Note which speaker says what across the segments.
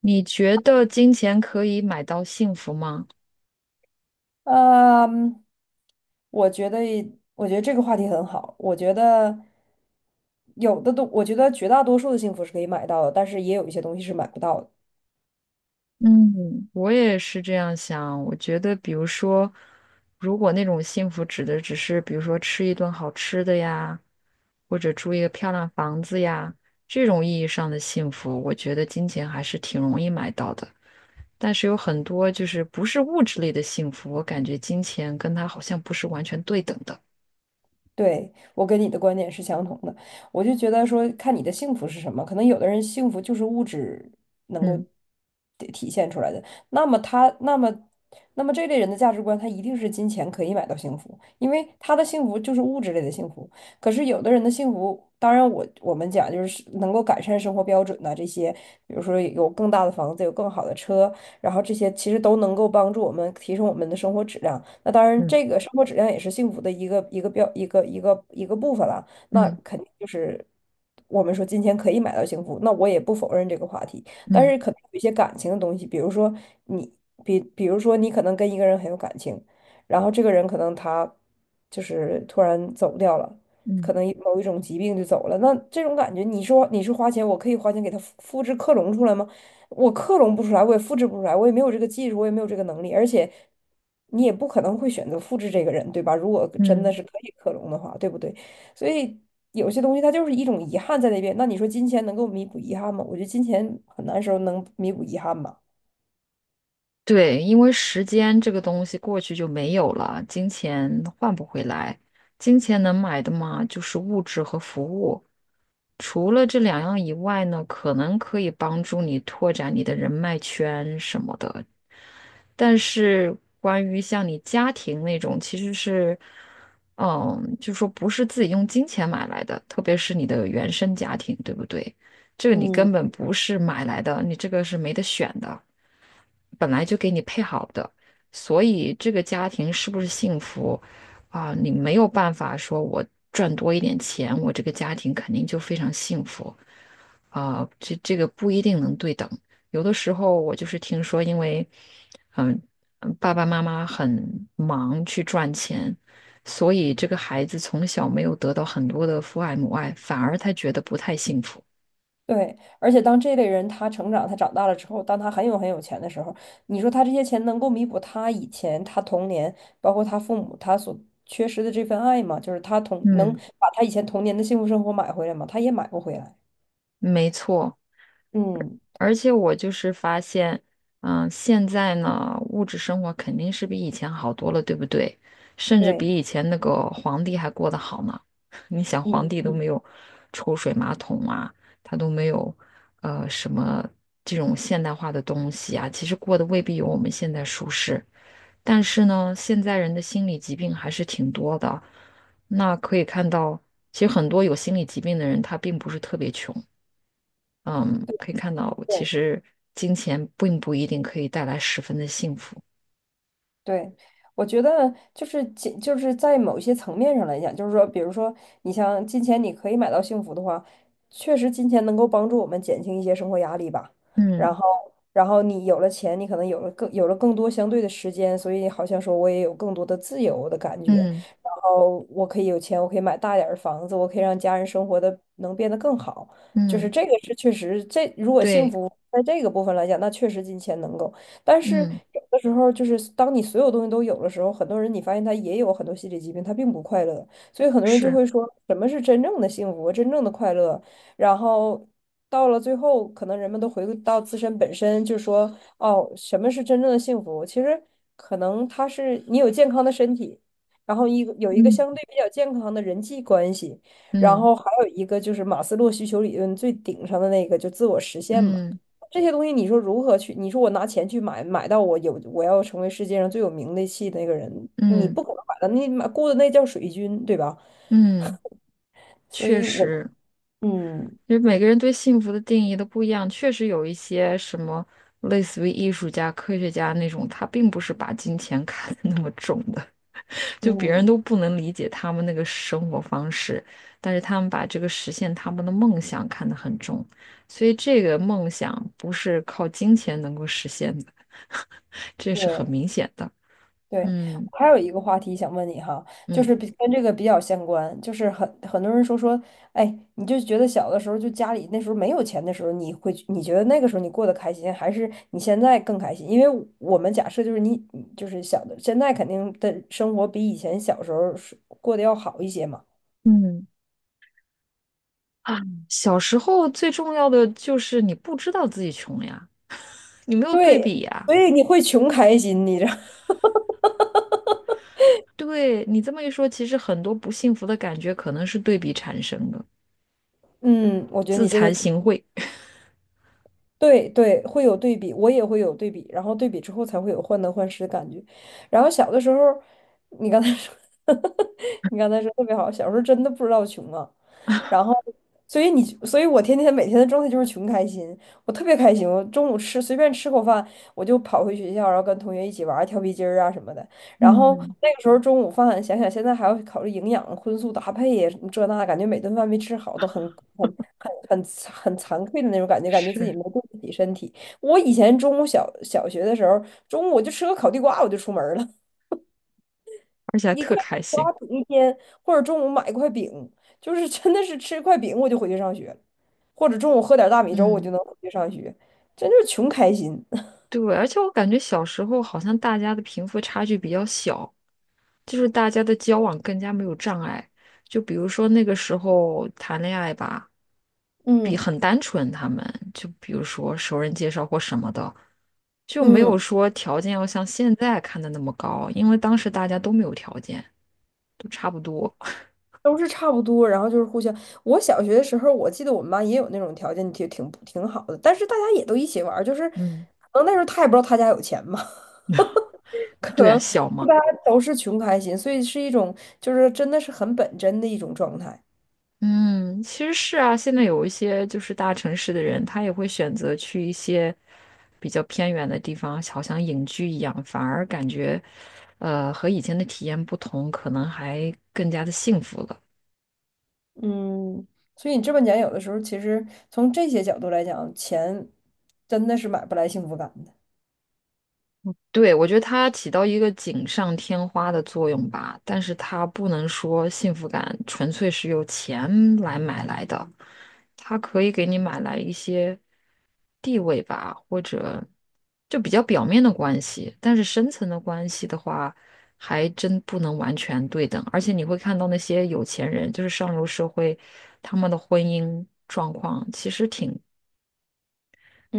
Speaker 1: 你觉得金钱可以买到幸福吗？
Speaker 2: 嗯，我觉得，我觉得，这个话题很好。我觉得有的东，我觉得绝大多数的幸福是可以买到的，但是也有一些东西是买不到的。
Speaker 1: 嗯，我也是这样想。我觉得，比如说，如果那种幸福指的只是，比如说吃一顿好吃的呀，或者住一个漂亮房子呀，这种意义上的幸福，我觉得金钱还是挺容易买到的。但是有很多就是不是物质类的幸福，我感觉金钱跟它好像不是完全对等的。
Speaker 2: 对，我跟你的观点是相同的，我就觉得说，看你的幸福是什么，可能有的人幸福就是物质能够
Speaker 1: 嗯
Speaker 2: 体现出来的，那么他，那么，那么这类人的价值观，他一定是金钱可以买到幸福，因为他的幸福就是物质类的幸福。可是有的人的幸福，当然我们讲就是能够改善生活标准呐、这些，比如说有更大的房子，有更好的车，然后这些其实都能够帮助我们提升我们的生活质量。那当然，
Speaker 1: 嗯
Speaker 2: 这个生活质量也是幸福的一个一个标一个一个一个部分了。那
Speaker 1: 嗯
Speaker 2: 肯定就是我们说金钱可以买到幸福，那我也不否认这个话题，但
Speaker 1: 嗯
Speaker 2: 是可能有一些感情的东西，比如说你，比如说你可能跟一个人很有感情，然后这个人可能他就是突然走掉了。
Speaker 1: 嗯
Speaker 2: 可能某一种疾病就走了，那这种感觉，你说你是花钱，我可以花钱给他复制克隆出来吗？我克隆不出来，我也复制不出来，我也没有这个技术，我也没有这个能力，而且你也不可能会选择复制这个人，对吧？如果真的
Speaker 1: 嗯。
Speaker 2: 是可以克隆的话，对不对？所以有些东西它就是一种遗憾在那边。那你说金钱能够弥补遗憾吗？我觉得金钱很难时候能弥补遗憾吧。
Speaker 1: 对，因为时间这个东西过去就没有了，金钱换不回来。金钱能买的嘛，就是物质和服务。除了这两样以外呢，可能可以帮助你拓展你的人脉圈什么的。但是关于像你家庭那种，其实是，嗯，就说不是自己用金钱买来的，特别是你的原生家庭，对不对？这个你
Speaker 2: 嗯。
Speaker 1: 根本不是买来的，你这个是没得选的。本来就给你配好的，所以这个家庭是不是幸福啊，你没有办法说我赚多一点钱，我这个家庭肯定就非常幸福啊，这个不一定能对等。有的时候我就是听说，因为嗯嗯爸爸妈妈很忙去赚钱，所以这个孩子从小没有得到很多的父爱母爱，反而他觉得不太幸福。
Speaker 2: 对，而且当这类人他成长，他长大了之后，当他很有钱的时候，你说他这些钱能够弥补他以前他童年，包括他父母他所缺失的这份爱吗？就是他童能
Speaker 1: 嗯，
Speaker 2: 把他以前童年的幸福生活买回来吗？他也买不回来。
Speaker 1: 没错。
Speaker 2: 嗯，
Speaker 1: 而且我就是发现，嗯，现在呢，物质生活肯定是比以前好多了，对不对？甚至
Speaker 2: 对，
Speaker 1: 比以前那个皇帝还过得好呢。你想，皇
Speaker 2: 嗯
Speaker 1: 帝都
Speaker 2: 嗯，
Speaker 1: 没有抽水马桶啊，他都没有什么这种现代化的东西啊，其实过得未必有我们现在舒适。但是呢，现在人的心理疾病还是挺多的。那可以看到，其实很多有心理疾病的人，他并不是特别穷。嗯，可以看到，其
Speaker 2: 对。
Speaker 1: 实金钱并不一定可以带来十分的幸福。
Speaker 2: 对，我觉得就是金，就是在某些层面上来讲，就是说，比如说，你像金钱，你可以买到幸福的话，确实金钱能够帮助我们减轻一些生活压力吧。然
Speaker 1: 嗯
Speaker 2: 后，然后你有了钱，你可能有了更多相对的时间，所以好像说我也有更多的自由的感觉。
Speaker 1: 嗯
Speaker 2: 然后我可以有钱，我可以买大点儿的房子，我可以让家人生活的能变得更好。就是
Speaker 1: 嗯，
Speaker 2: 这个是确实，这如果幸
Speaker 1: 对，
Speaker 2: 福在这个部分来讲，那确实金钱能够。但是
Speaker 1: 嗯
Speaker 2: 有的时候，就是当你所有东西都有的时候，很多人你发现他也有很多心理疾病，他并不快乐。所以很多人就
Speaker 1: 是，
Speaker 2: 会说，什么是真正的幸福，真正的快乐？然后到了最后，可能人们都回归到自身本身，就说，哦，什么是真正的幸福？其实可能他是你有健康的身体，然后一个有一个
Speaker 1: 嗯
Speaker 2: 相对比较健康的人际关系，然
Speaker 1: 嗯
Speaker 2: 后还有一个就是马斯洛需求理论最顶上的那个，就自我实现嘛。
Speaker 1: 嗯
Speaker 2: 这些东西，你说如何去？你说我拿钱去买，买到我有我要成为世界上最有名的气的那个人，你
Speaker 1: 嗯
Speaker 2: 不可能买到，你买雇的那叫水军，对吧？
Speaker 1: 嗯，
Speaker 2: 所
Speaker 1: 确
Speaker 2: 以我，
Speaker 1: 实，
Speaker 2: 嗯
Speaker 1: 因为每个人对幸福的定义都不一样，确实有一些什么类似于艺术家、科学家那种，他并不是把金钱 看得那么重的。就别人
Speaker 2: 嗯，
Speaker 1: 都不能理解他们那个生活方式，但是他们把这个实现他们的梦想看得很重，所以这个梦想不是靠金钱能够实现的，这是很
Speaker 2: 对，
Speaker 1: 明显的。
Speaker 2: 对，
Speaker 1: 嗯
Speaker 2: 我还有一个话题想问你哈，就
Speaker 1: 嗯
Speaker 2: 是比跟这个比较相关，就是很很多人说，哎，你就觉得小的时候就家里那时候没有钱的时候，你会你觉得那个时候你过得开心，还是你现在更开心？因为我们假设就是你就是小的，现在肯定的生活比以前小时候是过得要好一些嘛，
Speaker 1: 嗯啊，小时候最重要的就是你不知道自己穷呀，你没有对
Speaker 2: 对，
Speaker 1: 比呀。
Speaker 2: 所以你会穷开心，你知道。
Speaker 1: 对，你这么一说，其实很多不幸福的感觉可能是对比产生的，
Speaker 2: 嗯，我觉得
Speaker 1: 自
Speaker 2: 你这
Speaker 1: 惭
Speaker 2: 个。
Speaker 1: 形秽。
Speaker 2: 对对，会有对比，我也会有对比，然后对比之后才会有患得患失的感觉。然后小的时候，你刚才说，你刚才说特别好，小时候真的不知道穷啊。然后，所以你，所以我天天每天的状态就是穷开心，我特别开心。我中午吃随便吃口饭，我就跑回学校，然后跟同学一起玩儿跳皮筋儿啊什么的。然后
Speaker 1: 嗯，
Speaker 2: 那个时候中午饭，想想现在还要考虑营养、荤素搭配呀，什么这那，感觉每顿饭没吃好都很很很很惭愧的那种感觉，感觉自己
Speaker 1: 是，
Speaker 2: 没对得起身体。我以前中午小学的时候，中午我就吃个烤地瓜我就出门儿了，
Speaker 1: 而且还
Speaker 2: 一块
Speaker 1: 特
Speaker 2: 地
Speaker 1: 开心。
Speaker 2: 瓜顶一天，或者中午买一块饼，就是真的是吃一块饼我就回去上学了或者中午喝点大米粥我就
Speaker 1: 嗯，
Speaker 2: 能回去上学，真就是穷开心。
Speaker 1: 对，而且我感觉小时候好像大家的贫富差距比较小，就是大家的交往更加没有障碍。就比如说那个时候谈恋爱吧，比
Speaker 2: 嗯
Speaker 1: 很单纯，他们就比如说熟人介绍或什么的，就没有
Speaker 2: 嗯。
Speaker 1: 说条件要像现在看的那么高，因为当时大家都没有条件，都差不多。
Speaker 2: 都是差不多，然后就是互相。我小学的时候，我记得我们班也有那种条件挺好的，但是大家也都一起玩儿，就是
Speaker 1: 嗯，
Speaker 2: 可能那时候他也不知道他家有钱嘛，可
Speaker 1: 对啊，
Speaker 2: 能
Speaker 1: 小
Speaker 2: 大
Speaker 1: 嘛。
Speaker 2: 家都是穷开心，所以是一种就是真的是很本真的一种状态。
Speaker 1: 嗯，其实是啊，现在有一些就是大城市的人，他也会选择去一些比较偏远的地方，好像隐居一样，反而感觉，和以前的体验不同，可能还更加的幸福了。
Speaker 2: 嗯，所以你这么讲，有的时候其实从这些角度来讲，钱真的是买不来幸福感的。
Speaker 1: 对，我觉得它起到一个锦上添花的作用吧，但是它不能说幸福感纯粹是由钱来买来的，它可以给你买来一些。地位吧，或者就比较表面的关系，但是深层的关系的话，还真不能完全对等。而且你会看到那些有钱人，就是上流社会，他们的婚姻状况其实挺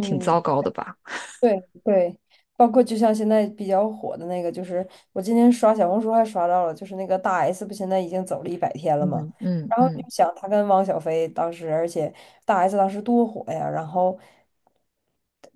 Speaker 1: 挺糟糕的吧？
Speaker 2: 对对，包括就像现在比较火的那个，就是我今天刷小红书还刷到了，就是那个大 S 不现在已经走了100天了嘛，
Speaker 1: 嗯嗯
Speaker 2: 然后你
Speaker 1: 嗯
Speaker 2: 就想她跟汪小菲当时，而且大 S 当时多火呀，然后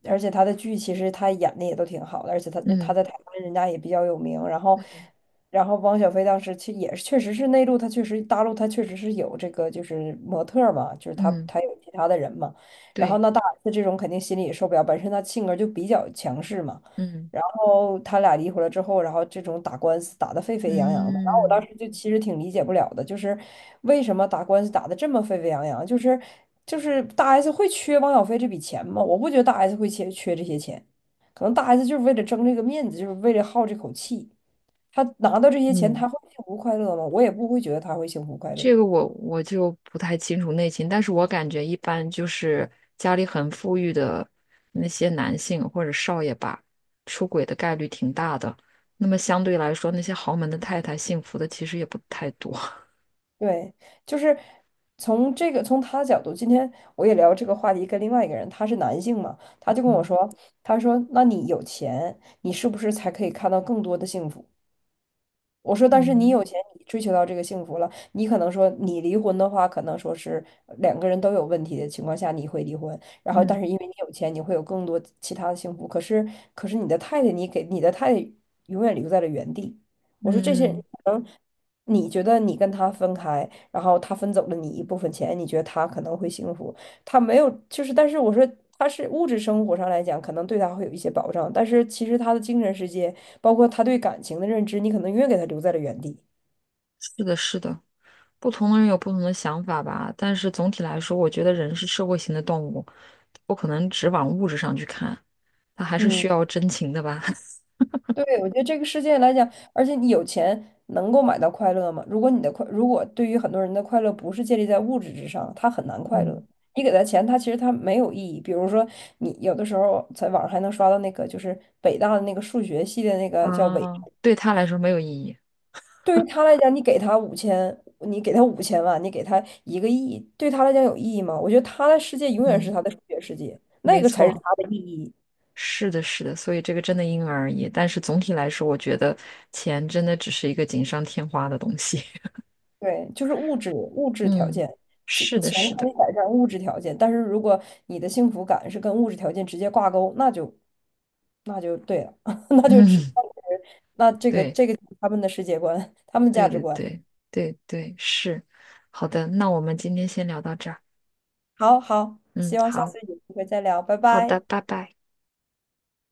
Speaker 2: 而且她的剧其实她演的也都挺好的，而且她
Speaker 1: 嗯
Speaker 2: 在台湾人家也比较有名，然后
Speaker 1: 嗯
Speaker 2: 然后汪小菲当时其实也是确实是内陆，他确实大陆他确实是有这个就是模特儿嘛，就是他
Speaker 1: 嗯，
Speaker 2: 他有其他的人嘛。然后
Speaker 1: 对，
Speaker 2: 那大 S 这种肯定心里也受不了，本身她性格就比较强势嘛。
Speaker 1: 嗯
Speaker 2: 然后他俩离婚了之后，然后这种打官司打得沸沸扬扬的，然后我当
Speaker 1: 嗯
Speaker 2: 时就其实挺理解不了的，就是为什么打官司打得这么沸沸扬扬？就是大 S 会缺汪小菲这笔钱吗？我不觉得大 S 会缺这些钱，可能大 S 就是为了争这个面子，就是为了好这口气。他拿到这些钱，
Speaker 1: 嗯。
Speaker 2: 他会幸福快乐吗？我也不会觉得他会幸福快乐。
Speaker 1: 这个我就不太清楚内情，但是我感觉一般就是家里很富裕的那些男性或者少爷吧，出轨的概率挺大的。那么相对来说，那些豪门的太太幸福的其实也不太多。
Speaker 2: 对，就是从这个从他的角度，今天我也聊这个话题，跟另外一个人，他是男性嘛，他就 跟我
Speaker 1: 嗯
Speaker 2: 说，他说，那你有钱，你是不是才可以看到更多的幸福？我说，但是你
Speaker 1: 嗯
Speaker 2: 有钱，你追求到这个幸福了，你可能说你离婚的话，可能说是两个人都有问题的情况下，你会离婚。然后，
Speaker 1: 嗯
Speaker 2: 但是因为你有钱，你会有更多其他的幸福。可是，可是你的太太，你给你的太太永远留在了原地。我说这些人
Speaker 1: 嗯，
Speaker 2: 可能你觉得你跟他分开，然后他分走了你一部分钱，你觉得他可能会幸福。他没有，就是但是我说他是物质生活上来讲，可能对他会有一些保障，但是其实他的精神世界，包括他对感情的认知，你可能永远给他留在了原地。
Speaker 1: 是的，是的，不同的人有不同的想法吧，但是总体来说，我觉得人是社会型的动物，不可能只往物质上去看，他还是
Speaker 2: 嗯
Speaker 1: 需要真情的吧。
Speaker 2: 对，我觉得这个世界来讲，而且你有钱能够买到快乐吗？如果你的快，如果对于很多人的快乐不是建立在物质之上，他很难 快
Speaker 1: 嗯
Speaker 2: 乐。你给他钱，他其实他没有意义。比如说，你有的时候在网上还能刷到那个，就是北大的那个数学系的那个叫伪。
Speaker 1: 啊，对他来说没有意义。
Speaker 2: 对于他来讲，你给他五千，你给他5000万，你给他1亿，对他来讲有意义吗？我觉得他的世界永远是
Speaker 1: 嗯，
Speaker 2: 他的数学世界，那
Speaker 1: 没
Speaker 2: 个才是
Speaker 1: 错，
Speaker 2: 他的意义。
Speaker 1: 是的，是的，所以这个真的因人而异。但是总体来说，我觉得钱真的只是一个锦上添花的东西。
Speaker 2: 对，就是物质条
Speaker 1: 嗯，
Speaker 2: 件，钱
Speaker 1: 是的，
Speaker 2: 钱
Speaker 1: 是
Speaker 2: 可
Speaker 1: 的，
Speaker 2: 以改善物质条件，但是如果你的幸福感是跟物质条件直接挂钩，那就对了，那就只
Speaker 1: 嗯，
Speaker 2: 那这个
Speaker 1: 对，
Speaker 2: 这个就是他们的世界观，他们的价
Speaker 1: 对
Speaker 2: 值
Speaker 1: 对
Speaker 2: 观。
Speaker 1: 对对对，是。好的，那我们今天先聊到这儿。
Speaker 2: 好好，
Speaker 1: 嗯，
Speaker 2: 希望下
Speaker 1: 好，
Speaker 2: 次有机会再聊，拜
Speaker 1: 好的，
Speaker 2: 拜。
Speaker 1: 拜拜。